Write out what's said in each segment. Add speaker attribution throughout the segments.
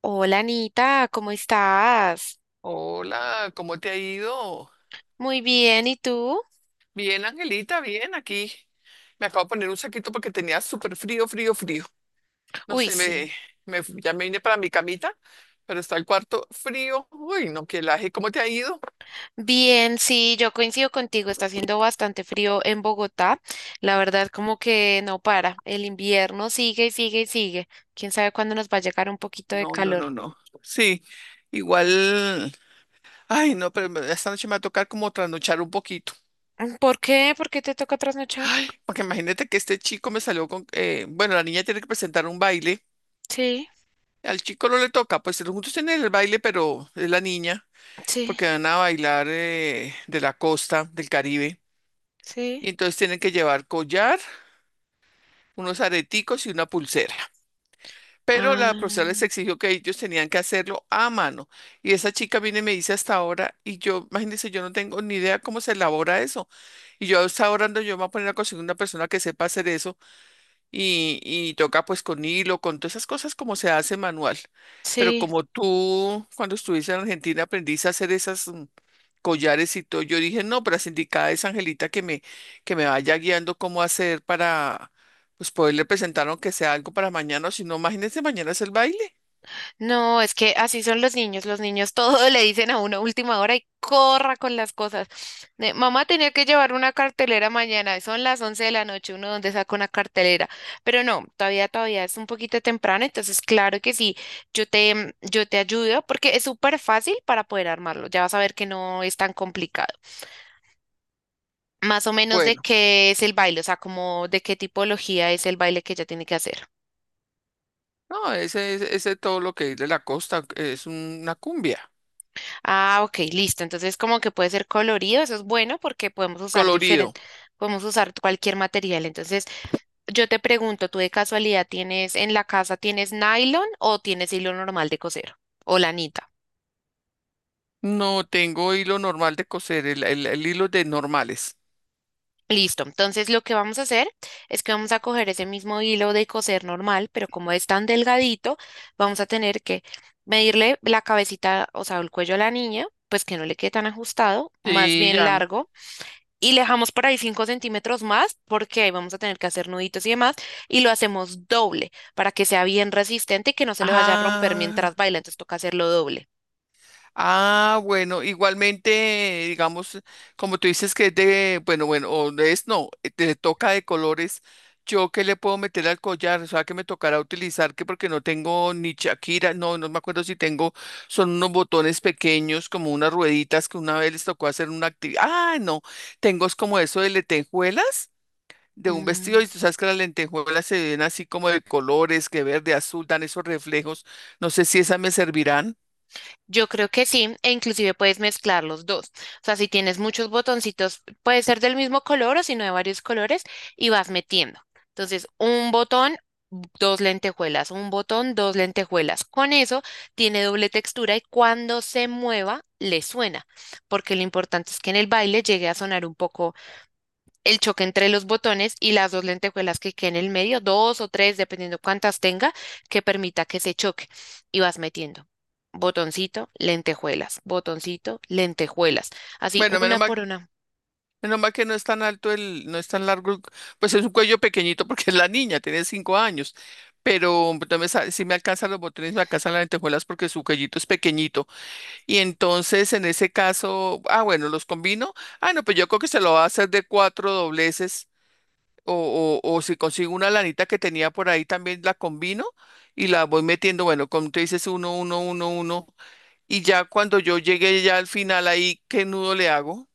Speaker 1: Hola Anita, ¿cómo estás?
Speaker 2: Hola, ¿cómo te ha ido?
Speaker 1: Muy bien, ¿y tú?
Speaker 2: Bien, Angelita, bien, aquí. Me acabo de poner un saquito porque tenía súper frío, frío, frío. No
Speaker 1: Uy,
Speaker 2: sé,
Speaker 1: sí.
Speaker 2: ya me vine para mi camita, pero está el cuarto frío. Uy, no, qué laje, ¿cómo te ha ido?
Speaker 1: Bien, sí, yo coincido contigo, está haciendo bastante frío en Bogotá. La verdad, como que no para. El invierno sigue y sigue y sigue. ¿Quién sabe cuándo nos va a llegar un poquito de
Speaker 2: No, no, no,
Speaker 1: calor?
Speaker 2: no. Sí, igual. Ay, no, pero esta noche me va a tocar como trasnochar un poquito.
Speaker 1: ¿Por qué? ¿Por qué te toca trasnochar?
Speaker 2: Ay, porque imagínate que este chico me salió con, bueno, la niña tiene que presentar un baile.
Speaker 1: Sí,
Speaker 2: Al chico no le toca, pues juntos tienen el baile, pero es la niña.
Speaker 1: sí,
Speaker 2: Porque van a bailar de la costa del Caribe.
Speaker 1: sí.
Speaker 2: Y entonces tienen que llevar collar, unos areticos y una pulsera. Pero la profesora
Speaker 1: Ah,
Speaker 2: les exigió que ellos tenían que hacerlo a mano. Y esa chica viene y me dice hasta ahora, y yo, imagínense, yo no tengo ni idea cómo se elabora eso. Y yo hasta ahora no, yo me voy a poner a conseguir una persona que sepa hacer eso y toca pues con hilo, con todas esas cosas como se hace manual. Pero
Speaker 1: sí.
Speaker 2: como tú, cuando estuviste en Argentina, aprendiste a hacer esas collares y todo. Yo dije, no, pero las indicada es Angelita que me vaya guiando cómo hacer para, pues poderle presentar aunque sea algo para mañana, o si no, imagínense, mañana es el baile.
Speaker 1: No, es que así son los niños. Los niños todo le dicen a una última hora y corra con las cosas. De, mamá tenía que llevar una cartelera mañana. Son las 11 de la noche. Uno donde saca una cartelera. Pero no, todavía es un poquito temprano. Entonces, claro que sí, yo te ayudo porque es súper fácil para poder armarlo. Ya vas a ver que no es tan complicado. Más o menos de
Speaker 2: Bueno.
Speaker 1: qué es el baile, o sea, como de qué tipología es el baile que ella tiene que hacer.
Speaker 2: No, ese es ese todo lo que es de la costa, es una cumbia,
Speaker 1: Ah, ok, listo. Entonces, como que puede ser colorido, eso es bueno porque podemos usar
Speaker 2: colorido.
Speaker 1: diferente, podemos usar cualquier material. Entonces, yo te pregunto, ¿tú de casualidad tienes en la casa tienes nylon o tienes hilo normal de coser o lanita?
Speaker 2: No tengo hilo normal de coser, el hilo de normales.
Speaker 1: Listo. Entonces, lo que vamos a hacer es que vamos a coger ese mismo hilo de coser normal, pero como es tan delgadito, vamos a tener que medirle la cabecita, o sea, el cuello a la niña, pues que no le quede tan ajustado, más
Speaker 2: Sí,
Speaker 1: bien
Speaker 2: ya.
Speaker 1: largo y le dejamos por ahí 5 centímetros más porque ahí vamos a tener que hacer nuditos y demás y lo hacemos doble para que sea bien resistente y que no se le vaya a romper mientras
Speaker 2: Ah.
Speaker 1: baila, entonces toca hacerlo doble.
Speaker 2: Ah, bueno, igualmente, digamos, como tú dices que es de, bueno, bueno, o no es, no, te toca de colores, yo qué le puedo meter al collar, o sea, que me tocará utilizar, que porque no tengo ni Shakira, no, no me acuerdo si tengo, son unos botones pequeños, como unas rueditas que una vez les tocó hacer una actividad, ah, no, tengo es como eso de lentejuelas, de un vestido,
Speaker 1: Mm,
Speaker 2: y tú sabes que las lentejuelas se ven así como de colores, que verde, azul, dan esos reflejos, no sé si esas me servirán.
Speaker 1: Yo creo que sí, e inclusive puedes mezclar los dos. O sea, si tienes muchos botoncitos, puede ser del mismo color o si no de varios colores y vas metiendo. Entonces, un botón, dos lentejuelas, un botón, dos lentejuelas. Con eso tiene doble textura y cuando se mueva le suena, porque lo importante es que en el baile llegue a sonar un poco el choque entre los botones y las dos lentejuelas que queden en el medio, dos o tres, dependiendo cuántas tenga, que permita que se choque. Y vas metiendo botoncito, lentejuelas, así
Speaker 2: Bueno,
Speaker 1: una por una.
Speaker 2: menos mal que no es tan alto el, no es tan largo, pues es un cuello pequeñito porque es la niña, tiene 5 años, pero también si me alcanzan los botones, me alcanzan las lentejuelas porque su cuellito es pequeñito. Y entonces en ese caso, ah, bueno, los combino. Ah, no, pues yo creo que se lo va a hacer de cuatro dobleces o si consigo una lanita que tenía por ahí también la combino y la voy metiendo, bueno, como tú dices, uno, uno, uno, uno. Y ya cuando yo llegue ya al final ahí, ¿qué nudo le hago?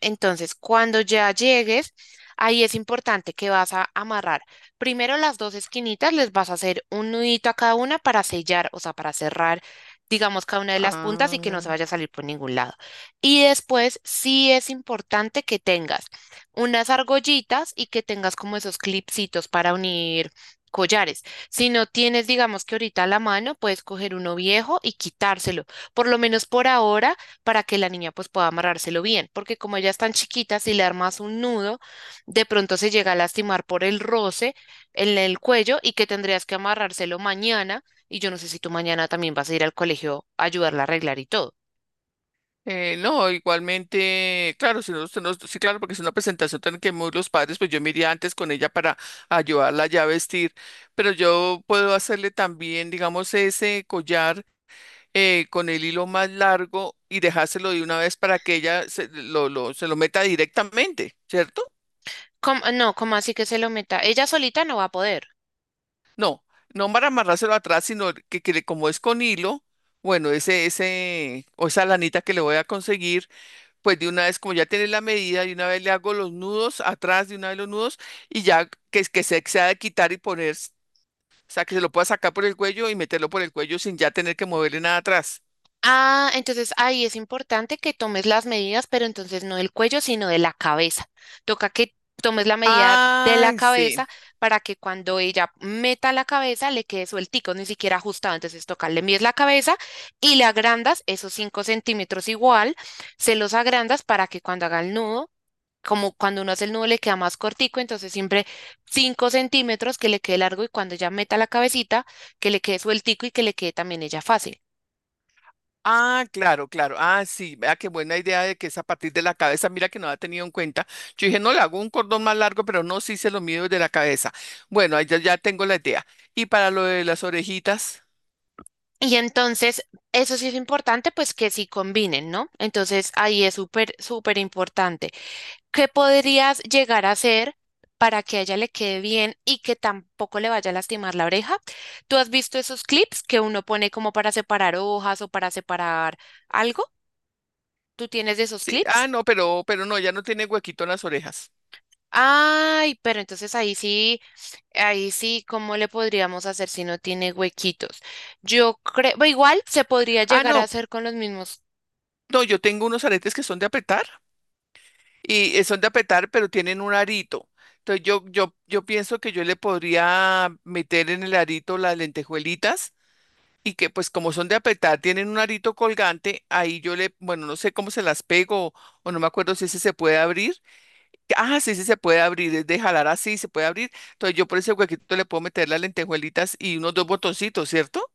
Speaker 1: Entonces, cuando ya llegues, ahí es importante que vas a amarrar primero las dos esquinitas, les vas a hacer un nudito a cada una para sellar, o sea, para cerrar, digamos, cada una de las puntas y que no se
Speaker 2: Ah.
Speaker 1: vaya a salir por ningún lado. Y después, sí es importante que tengas unas argollitas y que tengas como esos clipsitos para unir collares. Si no tienes, digamos que ahorita a la mano, puedes coger uno viejo y quitárselo. Por lo menos por ahora, para que la niña pues pueda amarrárselo bien, porque como ella es tan chiquita, si le armas un nudo, de pronto se llega a lastimar por el roce en el cuello y que tendrías que amarrárselo mañana y yo no sé si tú mañana también vas a ir al colegio a ayudarla a arreglar y todo.
Speaker 2: No, igualmente, claro, sí, claro, porque es una presentación tan que muy los padres, pues yo me iría antes con ella para ayudarla ya a vestir, pero yo puedo hacerle también, digamos, ese collar con el hilo más largo y dejárselo de una vez para que ella se lo se lo meta directamente, ¿cierto?
Speaker 1: No, ¿cómo así que se lo meta? Ella solita no va a poder.
Speaker 2: No, no para amarrárselo atrás, sino que como es con hilo, bueno, ese, o esa lanita que le voy a conseguir pues de una vez, como ya tienes la medida, de una vez le hago los nudos atrás, de una vez los nudos, y ya que que se ha de quitar y poner, o sea, que se lo pueda sacar por el cuello y meterlo por el cuello sin ya tener que moverle nada atrás.
Speaker 1: Ah, entonces ahí es importante que tomes las medidas, pero entonces no del cuello, sino de la cabeza. Toca que tomes la medida de la
Speaker 2: Ay, sí.
Speaker 1: cabeza para que cuando ella meta la cabeza le quede sueltico, ni siquiera ajustado. Entonces toca, le mides la cabeza y le agrandas esos 5 centímetros igual, se los agrandas para que cuando haga el nudo, como cuando uno hace el nudo le queda más cortico, entonces siempre 5 centímetros que le quede largo y cuando ella meta la cabecita, que le quede sueltico y que le quede también ella fácil.
Speaker 2: Ah, claro, claro. Ah, sí. Vea qué buena idea de que es a partir de la cabeza. Mira que no la ha tenido en cuenta. Yo dije, no, le hago un cordón más largo, pero no, sí se lo mido desde la cabeza. Bueno, ahí ya, ya tengo la idea. Y para lo de las orejitas,
Speaker 1: Y entonces, eso sí es importante, pues que sí combinen, ¿no? Entonces, ahí es súper, súper importante. ¿Qué podrías llegar a hacer para que a ella le quede bien y que tampoco le vaya a lastimar la oreja? ¿Tú has visto esos clips que uno pone como para separar hojas o para separar algo? ¿Tú tienes de esos
Speaker 2: sí. Ah,
Speaker 1: clips?
Speaker 2: no, pero no, ya no tiene huequito en las orejas.
Speaker 1: Ay, pero entonces ahí sí, ¿cómo le podríamos hacer si no tiene huequitos? Yo creo, igual se podría
Speaker 2: Ah,
Speaker 1: llegar a
Speaker 2: no,
Speaker 1: hacer con los mismos.
Speaker 2: no, yo tengo unos aretes que son de apretar y son de apretar, pero tienen un arito. Entonces yo pienso que yo le podría meter en el arito las lentejuelitas y que pues como son de apretar, tienen un arito colgante, ahí yo le, bueno, no sé cómo se las pego o no me acuerdo si ese se puede abrir. Ah, sí, sí, se puede abrir, es de jalar así, se puede abrir. Entonces yo por ese huequito le puedo meter las lentejuelitas y unos dos botoncitos, ¿cierto?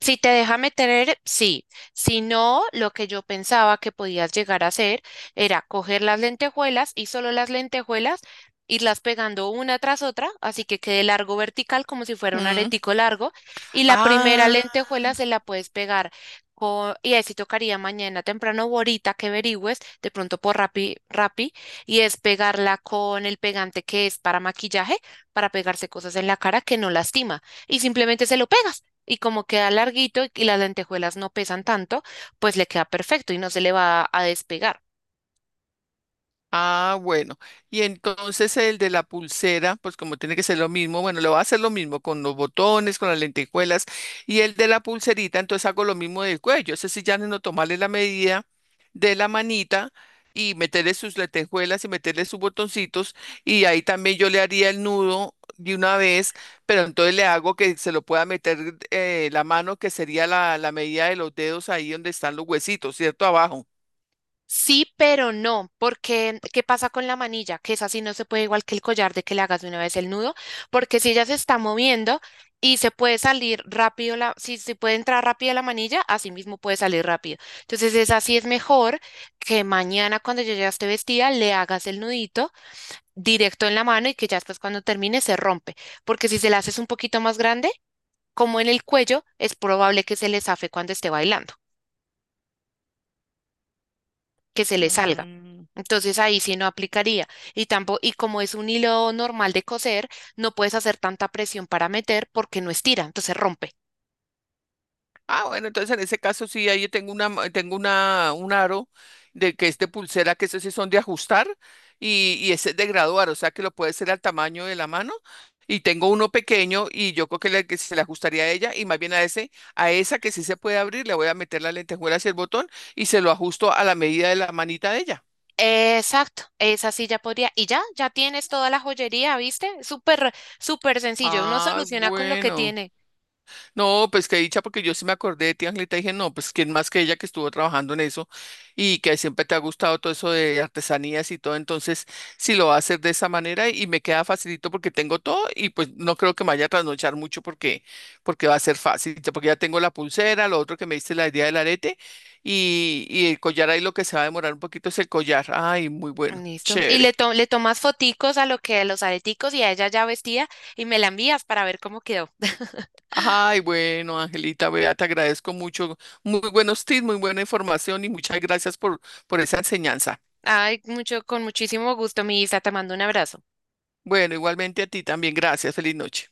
Speaker 1: Si te deja meter, sí. Si no, lo que yo pensaba que podías llegar a hacer era coger las lentejuelas y solo las lentejuelas, irlas pegando una tras otra, así que quede largo vertical como si fuera un
Speaker 2: Mm.
Speaker 1: aretico largo. Y la primera
Speaker 2: Ah.
Speaker 1: lentejuela se la puedes pegar y ahí sí tocaría mañana temprano o ahorita que averigües, de pronto por Rappi, Rappi, y es pegarla con el pegante que es para maquillaje, para pegarse cosas en la cara que no lastima. Y simplemente se lo pegas y como queda larguito y las lentejuelas no pesan tanto, pues le queda perfecto y no se le va a despegar.
Speaker 2: Ah, bueno. Y entonces el de la pulsera, pues como tiene que ser lo mismo, bueno, le voy a hacer lo mismo con los botones, con las lentejuelas. Y el de la pulserita, entonces hago lo mismo del cuello. Ese sí ya no tomarle la medida de la manita y meterle sus lentejuelas y meterle sus botoncitos. Y ahí también yo le haría el nudo de una vez, pero entonces le hago que se lo pueda meter la mano, que sería la medida de los dedos ahí donde están los huesitos, ¿cierto? Abajo.
Speaker 1: Sí, pero no, porque ¿qué pasa con la manilla? Que esa sí no se puede, igual que el collar, de que le hagas de una vez el nudo, porque si ella se está moviendo y se puede salir rápido, la, si, se puede entrar rápido la manilla, así mismo puede salir rápido. Entonces, esa sí es mejor que mañana cuando yo ya esté vestida le hagas el nudito directo en la mano y que ya después cuando termine se rompe, porque si se la haces un poquito más grande, como en el cuello, es probable que se le zafe cuando esté bailando, que se le salga.
Speaker 2: Mm.
Speaker 1: Entonces ahí sí no aplicaría. Y tampoco, y como es un hilo normal de coser, no puedes hacer tanta presión para meter porque no estira, entonces rompe.
Speaker 2: Ah, bueno, entonces en ese caso sí, ahí tengo tengo una, un aro de que es de pulsera, que esos sí son de ajustar y ese es de graduar, o sea que lo puede hacer al tamaño de la mano. Y tengo uno pequeño y yo creo que, que se le ajustaría a ella y más bien a ese, a esa que sí se puede abrir, le voy a meter la lentejuela hacia el botón y se lo ajusto a la medida de la manita de ella.
Speaker 1: Exacto, esa sí ya podría. Y ya, ya tienes toda la joyería, ¿viste? Súper, súper sencillo. Uno
Speaker 2: Ah,
Speaker 1: soluciona con lo que
Speaker 2: bueno.
Speaker 1: tiene.
Speaker 2: No, pues qué dicha, porque yo sí me acordé de ti, Angelita, y dije, no, pues quién más que ella que estuvo trabajando en eso y que siempre te ha gustado todo eso de artesanías y todo, entonces sí lo va a hacer de esa manera y me queda facilito porque tengo todo y pues no creo que me vaya a trasnochar mucho porque, porque va a ser fácil, ya- porque ya tengo la pulsera, lo otro que me diste la idea del arete y el collar ahí lo que se va a demorar un poquito es el collar, ay, muy bueno,
Speaker 1: Listo.
Speaker 2: chévere.
Speaker 1: Le tomas foticos a lo que a los areticos y a ella ya vestida y me la envías para ver cómo quedó.
Speaker 2: Ay, bueno, Angelita, vea, te agradezco mucho. Muy buenos tips, muy buena información y muchas gracias por esa enseñanza.
Speaker 1: Ay, mucho, con muchísimo gusto, mi Isa, te mando un abrazo.
Speaker 2: Bueno, igualmente a ti también, gracias. Feliz noche.